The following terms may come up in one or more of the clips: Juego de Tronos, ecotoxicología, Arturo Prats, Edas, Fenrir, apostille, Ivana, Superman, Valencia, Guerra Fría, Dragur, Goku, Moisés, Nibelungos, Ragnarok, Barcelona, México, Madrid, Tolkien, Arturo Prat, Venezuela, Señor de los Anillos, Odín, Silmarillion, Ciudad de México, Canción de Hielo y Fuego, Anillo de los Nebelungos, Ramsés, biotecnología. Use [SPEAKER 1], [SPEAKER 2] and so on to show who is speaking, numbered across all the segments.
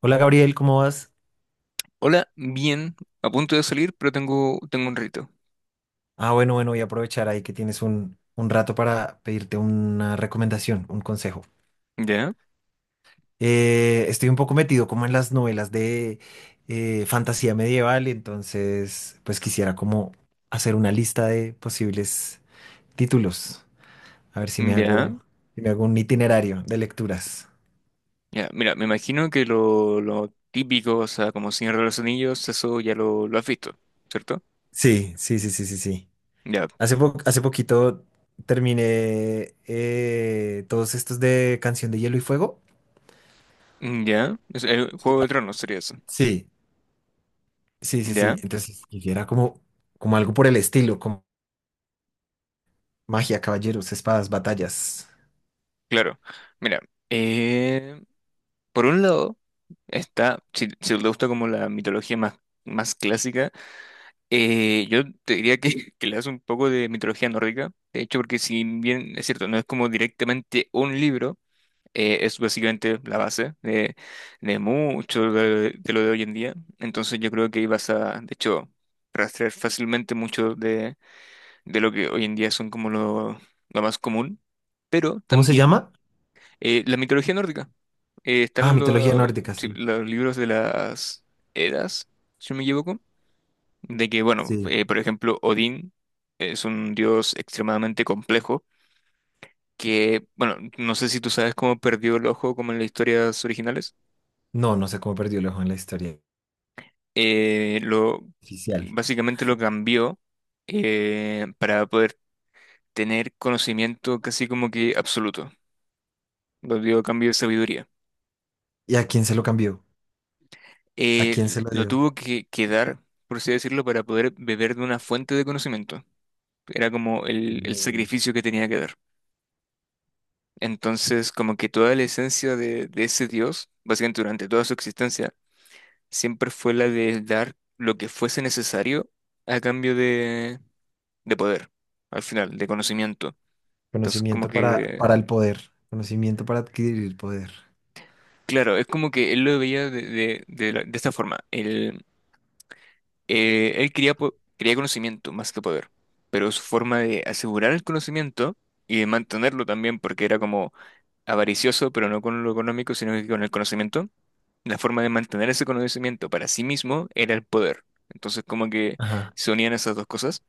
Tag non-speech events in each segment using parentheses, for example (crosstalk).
[SPEAKER 1] Hola Gabriel, ¿cómo vas?
[SPEAKER 2] Hola, bien, a punto de salir, pero tengo un rito.
[SPEAKER 1] Ah, bueno, bueno, voy a aprovechar ahí que tienes un rato para pedirte una recomendación, un consejo.
[SPEAKER 2] ¿Ya?
[SPEAKER 1] Estoy un poco metido como en las novelas de fantasía medieval, entonces pues quisiera como hacer una lista de posibles títulos, a ver si me
[SPEAKER 2] ¿Ya?
[SPEAKER 1] hago, si me hago un itinerario de lecturas.
[SPEAKER 2] Ya, mira, me imagino que lo típico, o sea, como Señor de los Anillos, eso ya lo has visto, ¿cierto?
[SPEAKER 1] Sí, sí, sí, sí, sí, sí.
[SPEAKER 2] Ya,
[SPEAKER 1] Hace poquito terminé todos estos de Canción de Hielo y Fuego.
[SPEAKER 2] ya, es, el Juego de Tronos sería eso.
[SPEAKER 1] Sí. Sí, sí,
[SPEAKER 2] ¿Ya?
[SPEAKER 1] sí. Entonces quisiera como, como algo por el estilo, como magia, caballeros, espadas, batallas.
[SPEAKER 2] Claro. Mira, eh, por un lado está, si, si te gusta como la mitología más clásica, yo te diría que, (laughs) que le das un poco de mitología nórdica, de hecho, porque si bien es cierto, no es como directamente un libro, es básicamente la base de mucho de lo de hoy en día. Entonces yo creo que ahí vas a, de hecho, rastrear fácilmente mucho de lo que hoy en día son como lo más común. Pero
[SPEAKER 1] ¿Cómo se
[SPEAKER 2] también
[SPEAKER 1] llama?
[SPEAKER 2] la mitología nórdica. Eh,
[SPEAKER 1] Ah,
[SPEAKER 2] están
[SPEAKER 1] mitología
[SPEAKER 2] lo-
[SPEAKER 1] nórdica,
[SPEAKER 2] sí,
[SPEAKER 1] sí.
[SPEAKER 2] los libros de las Edas, si no me equivoco, de que, bueno,
[SPEAKER 1] Sí.
[SPEAKER 2] por ejemplo, Odín es un dios extremadamente complejo. Que, bueno, no sé si tú sabes cómo perdió el ojo como en las historias originales.
[SPEAKER 1] No, no sé cómo perdió el ojo en la historia
[SPEAKER 2] eh, lo,
[SPEAKER 1] oficial.
[SPEAKER 2] Básicamente lo cambió para poder tener conocimiento casi como que absoluto. Lo dio a cambio de sabiduría.
[SPEAKER 1] ¿Y a quién se lo cambió? ¿A quién
[SPEAKER 2] Eh,
[SPEAKER 1] se lo
[SPEAKER 2] lo
[SPEAKER 1] dio?
[SPEAKER 2] tuvo que, que dar, por así decirlo, para poder beber de una fuente de conocimiento. Era como el
[SPEAKER 1] No.
[SPEAKER 2] sacrificio que tenía que dar. Entonces, como que toda la esencia de ese Dios, básicamente durante toda su existencia, siempre fue la de dar lo que fuese necesario a cambio de poder, al final, de conocimiento. Entonces,
[SPEAKER 1] Conocimiento
[SPEAKER 2] como que,
[SPEAKER 1] para el poder. Conocimiento para adquirir poder.
[SPEAKER 2] claro, es como que él lo veía de esta forma. Él, él quería conocimiento más que poder, pero su forma de asegurar el conocimiento y de mantenerlo también, porque era como avaricioso, pero no con lo económico, sino que con el conocimiento, la forma de mantener ese conocimiento para sí mismo era el poder. Entonces, como que
[SPEAKER 1] Ajá.
[SPEAKER 2] se unían esas dos cosas.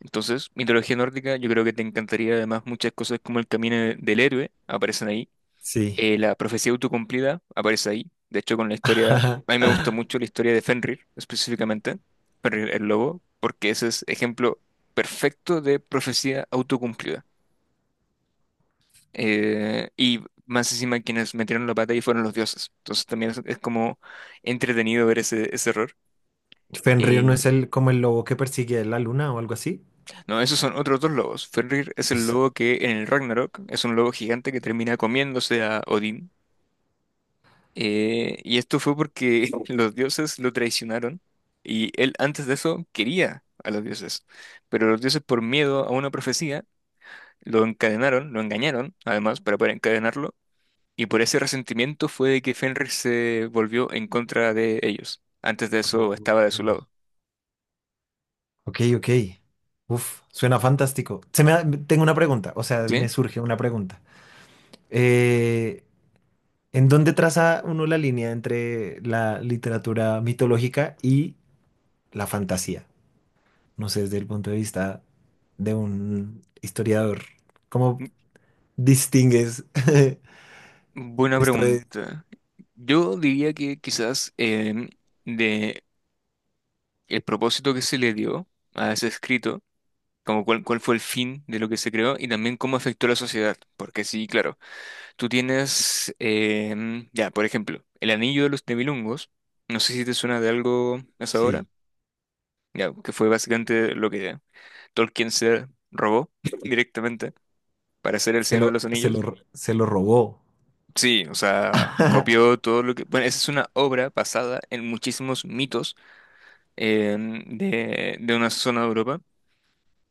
[SPEAKER 2] Entonces, mitología nórdica, yo creo que te encantaría además muchas cosas como el del héroe, aparecen ahí.
[SPEAKER 1] Sí.
[SPEAKER 2] La profecía autocumplida aparece ahí. De hecho, con la historia, a mí
[SPEAKER 1] (laughs)
[SPEAKER 2] me gusta mucho la historia de Fenrir, específicamente, Fenrir el lobo, porque ese es ejemplo perfecto de profecía autocumplida. Y más encima, quienes metieron la pata ahí fueron los dioses. Entonces, también es como entretenido ver ese error.
[SPEAKER 1] Fenrir no es
[SPEAKER 2] Eh,
[SPEAKER 1] el como el lobo que persigue la luna o algo así.
[SPEAKER 2] no, esos son otros dos lobos. Fenrir es el
[SPEAKER 1] Es.
[SPEAKER 2] lobo que en el Ragnarok es un lobo gigante que termina comiéndose a Odín. Y esto fue porque (laughs) los dioses lo traicionaron y él antes de eso quería a los dioses, pero los dioses por miedo a una profecía lo encadenaron, lo engañaron además para poder encadenarlo, y por ese resentimiento fue de que Fenrir se volvió en contra de ellos. Antes de eso estaba de su lado.
[SPEAKER 1] Ok, ok. Uf, suena fantástico. Tengo una pregunta, o sea,
[SPEAKER 2] ¿Sí?
[SPEAKER 1] me surge una pregunta. Eh, ¿En dónde traza uno la línea entre la literatura mitológica y la fantasía? No sé, desde el punto de vista de un historiador, ¿cómo
[SPEAKER 2] Mm,
[SPEAKER 1] distingues (laughs)
[SPEAKER 2] Buena
[SPEAKER 1] esto de...
[SPEAKER 2] pregunta. Yo diría que quizás de el propósito que se le dio a ese escrito, como cuál fue el fin de lo que se creó, y también cómo afectó a la sociedad. Porque sí, claro, tú tienes, ya, por ejemplo, el anillo de los Nibelungos, no sé si te suena de algo hasta ahora,
[SPEAKER 1] Sí,
[SPEAKER 2] ya, que fue básicamente lo que Tolkien se robó (laughs) directamente para hacer El
[SPEAKER 1] se
[SPEAKER 2] Señor de
[SPEAKER 1] lo,
[SPEAKER 2] los
[SPEAKER 1] se
[SPEAKER 2] Anillos.
[SPEAKER 1] lo, se lo robó.
[SPEAKER 2] Sí, o sea,
[SPEAKER 1] (laughs)
[SPEAKER 2] copió todo lo que... Bueno, esa es una obra basada en muchísimos mitos de una zona de Europa.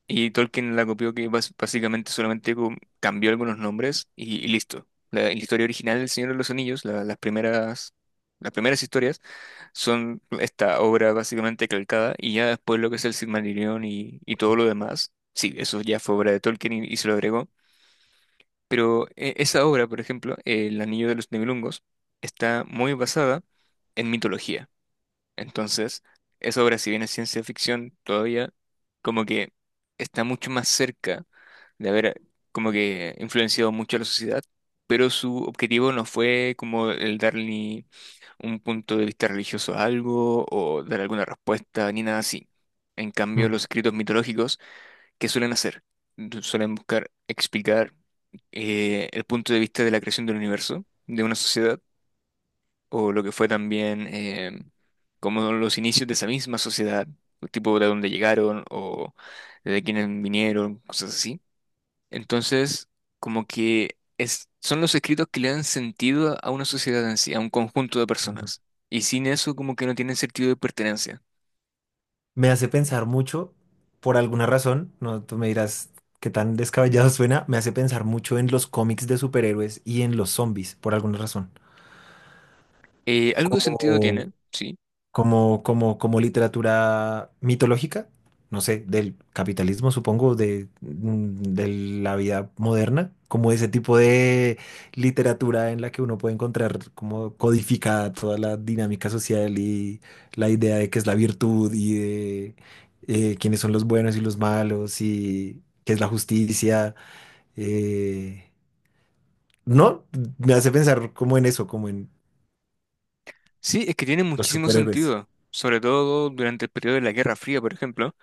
[SPEAKER 2] Y Tolkien la copió, que básicamente solamente cambió algunos nombres y listo. La historia original del Señor de los Anillos, las primeras historias, son esta obra básicamente calcada, y ya después lo que es el Silmarillion y todo lo demás, sí, eso ya fue obra de Tolkien y se lo agregó. Pero esa obra, por ejemplo, El Anillo de los Nebelungos, está muy basada en mitología. Entonces, esa obra, si bien es ciencia ficción, todavía como que está mucho más cerca de haber como que influenciado mucho a la sociedad, pero su objetivo no fue como el dar ni un punto de vista religioso a algo, o dar alguna respuesta ni nada así. En cambio, los escritos mitológicos, ¿qué suelen hacer? Suelen buscar explicar el punto de vista de la creación del universo, de una sociedad, o lo que fue también como los inicios de esa misma sociedad, tipo de dónde llegaron o de quiénes vinieron, cosas así. Entonces, como que es, son los escritos que le dan sentido a una sociedad en sí, a un conjunto de
[SPEAKER 1] Mm.
[SPEAKER 2] personas. Y sin eso, como que no tienen sentido de pertenencia.
[SPEAKER 1] Me hace pensar mucho, por alguna razón, no, tú me dirás qué tan descabellado suena, me hace pensar mucho en los cómics de superhéroes y en los zombies, por alguna razón.
[SPEAKER 2] Algo de sentido
[SPEAKER 1] Como,
[SPEAKER 2] tiene, sí.
[SPEAKER 1] como literatura mitológica, no sé, del capitalismo, supongo, de, de la vida moderna, como ese tipo de literatura en la que uno puede encontrar como codificada toda la dinámica social y la idea de qué es la virtud y de quiénes son los buenos y los malos y qué es la justicia. Eh, no, Me hace pensar como en eso, como en
[SPEAKER 2] Sí, es que tiene
[SPEAKER 1] los
[SPEAKER 2] muchísimo
[SPEAKER 1] superhéroes.
[SPEAKER 2] sentido, sobre todo durante el periodo de la Guerra Fría, por ejemplo.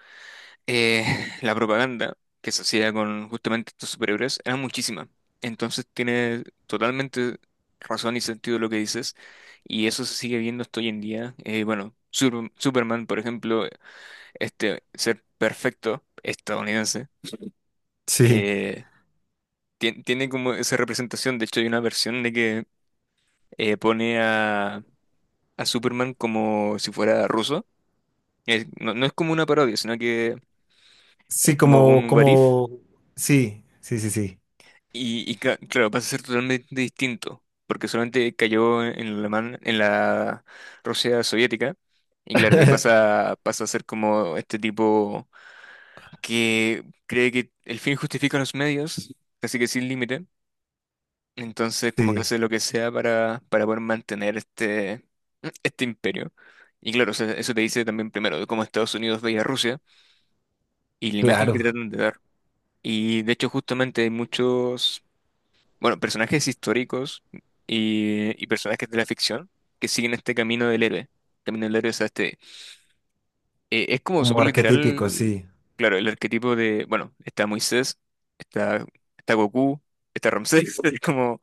[SPEAKER 2] eh, (laughs) la propaganda que se hacía con justamente estos superhéroes era muchísima. Entonces tiene totalmente razón y sentido lo que dices, y eso se sigue viendo hasta hoy en día. Bueno, Superman, por ejemplo, este ser perfecto estadounidense,
[SPEAKER 1] Sí.
[SPEAKER 2] eh, tiene como esa representación. De hecho, hay una versión de que eh, pone a, a Superman como si fuera ruso. No, no es como una parodia, sino que es
[SPEAKER 1] Sí,
[SPEAKER 2] como
[SPEAKER 1] como,
[SPEAKER 2] un what if.
[SPEAKER 1] como, sí, sí, sí, sí.
[SPEAKER 2] Claro, pasa a ser totalmente distinto, porque solamente cayó en el alemán, en la Rusia soviética, y claro, ahí
[SPEAKER 1] (laughs)
[SPEAKER 2] pasa, pasa a ser como este tipo que cree que el fin justifica los medios, casi que sin límite, entonces como que
[SPEAKER 1] Sí,
[SPEAKER 2] hace lo que sea para poder mantener este imperio. Y claro, o sea, eso te dice también primero de cómo Estados Unidos veía a Rusia y la imagen que
[SPEAKER 1] claro,
[SPEAKER 2] tratan de dar. Y de hecho justamente hay muchos... bueno, personajes históricos y personajes de la ficción que siguen este camino del héroe. Camino del héroe, o sea, este, es como
[SPEAKER 1] como
[SPEAKER 2] súper
[SPEAKER 1] arquetípico,
[SPEAKER 2] literal,
[SPEAKER 1] sí.
[SPEAKER 2] claro, el arquetipo de, bueno, está Moisés, está, está Goku, está Ramsés, (laughs) es como,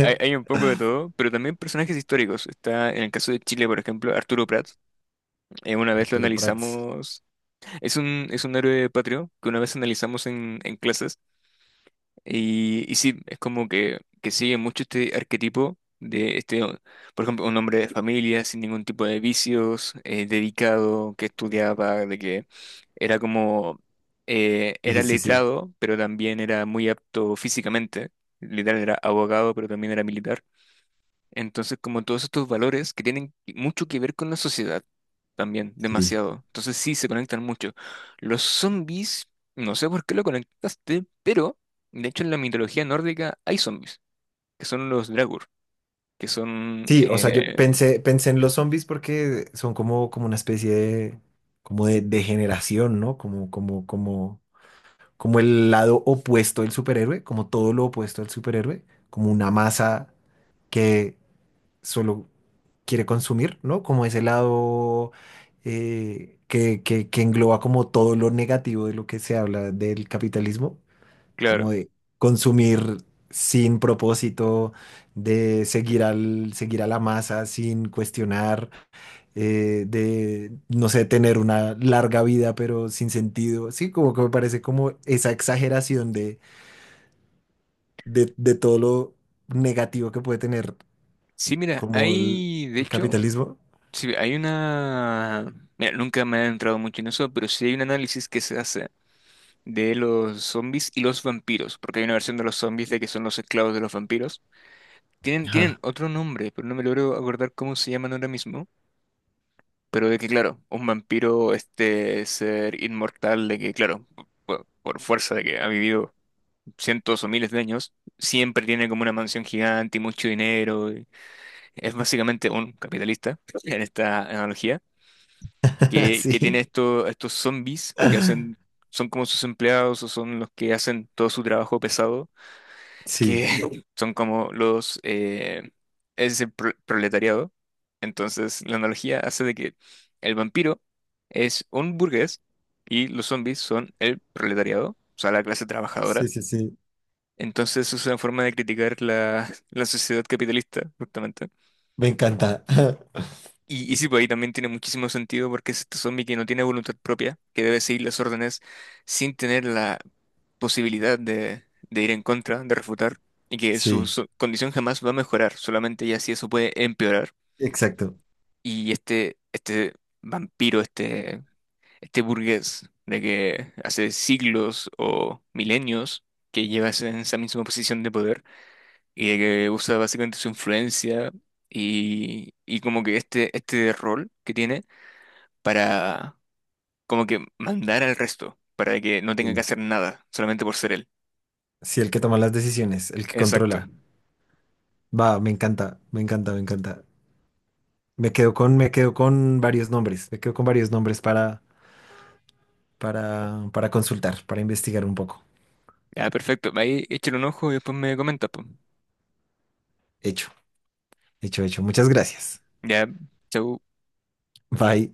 [SPEAKER 2] hay un poco de todo, pero también personajes históricos. Está, en el caso de Chile, por ejemplo, Arturo Prat, una vez lo
[SPEAKER 1] Arturo Prats.
[SPEAKER 2] analizamos, es un héroe patrio que una vez analizamos en clases. Y sí, es como que sigue mucho este arquetipo de este, por ejemplo, un hombre de familia sin ningún tipo de vicios, dedicado, que estudiaba, de que era como,
[SPEAKER 1] Sí,
[SPEAKER 2] era
[SPEAKER 1] sí, sí, sí.
[SPEAKER 2] letrado, pero también era muy apto físicamente. Literal era abogado, pero también era militar. Entonces, como todos estos valores que tienen mucho que ver con la sociedad también,
[SPEAKER 1] Sí,
[SPEAKER 2] demasiado. Entonces sí, se conectan mucho. Los zombies, no sé por qué lo conectaste, pero de hecho en la mitología nórdica hay zombies, que son los Dragur, que son,
[SPEAKER 1] sí, o sea, yo pensé, pensé en los zombies porque son como, como una especie de, como de degeneración, ¿no? Como el lado opuesto del superhéroe, como todo lo opuesto al superhéroe, como una masa que solo quiere consumir, ¿no? Como ese lado que engloba como todo lo negativo de lo que se habla del capitalismo,
[SPEAKER 2] claro.
[SPEAKER 1] como de consumir sin propósito, de seguir al, seguir a la masa sin cuestionar, de, no sé, tener una larga vida pero sin sentido. Sí, como que me parece como esa exageración de, de todo lo negativo que puede tener
[SPEAKER 2] Sí, mira,
[SPEAKER 1] como
[SPEAKER 2] hay, de
[SPEAKER 1] el
[SPEAKER 2] hecho,
[SPEAKER 1] capitalismo.
[SPEAKER 2] sí, hay una... Mira, nunca me he entrado mucho en eso, pero sí hay un análisis que se hace de los zombies y los vampiros, porque hay una versión de los zombies de que son los esclavos de los vampiros. Tienen
[SPEAKER 1] Ajá.
[SPEAKER 2] otro nombre, pero no me logro acordar cómo se llaman ahora mismo. Pero de que, claro, un vampiro, este ser inmortal, de que, claro, por fuerza de que ha vivido cientos o miles de años, siempre tiene como una mansión gigante y mucho dinero. Y es básicamente un capitalista, (laughs) en esta analogía,
[SPEAKER 1] (laughs)
[SPEAKER 2] que tiene
[SPEAKER 1] Sí.
[SPEAKER 2] estos zombies que hacen, son como sus empleados o son los que hacen todo su trabajo pesado, que
[SPEAKER 1] Sí,
[SPEAKER 2] (laughs) son como los ese proletariado. Entonces, la analogía hace de que el vampiro es un burgués y los zombies son el proletariado, o sea, la clase trabajadora.
[SPEAKER 1] sí, sí, sí.
[SPEAKER 2] Entonces, es una forma de criticar la sociedad capitalista, justamente.
[SPEAKER 1] Me encanta. (laughs)
[SPEAKER 2] Y sí, pues ahí también tiene muchísimo sentido porque es este zombie que no tiene voluntad propia, que debe seguir las órdenes sin tener la posibilidad de ir en contra, de refutar, y que
[SPEAKER 1] Sí,
[SPEAKER 2] su condición jamás va a mejorar, solamente ya si eso puede empeorar.
[SPEAKER 1] exacto.
[SPEAKER 2] Y este vampiro, este burgués de que hace siglos o milenios que lleva en esa misma posición de poder y de que usa básicamente su influencia y como que este rol que tiene para como que mandar al resto, para que no tenga que
[SPEAKER 1] Sí.
[SPEAKER 2] hacer nada, solamente por ser él.
[SPEAKER 1] Sí, el que toma las decisiones, el que
[SPEAKER 2] Exacto.
[SPEAKER 1] controla. Va, me encanta, me encanta, me encanta. Me quedo con varios nombres. Me quedo con varios nombres para consultar, para investigar un poco.
[SPEAKER 2] Ya, perfecto. Ahí échale un ojo y después me comenta, pues.
[SPEAKER 1] Hecho, hecho, hecho. Muchas gracias.
[SPEAKER 2] Ya, chau.
[SPEAKER 1] Bye.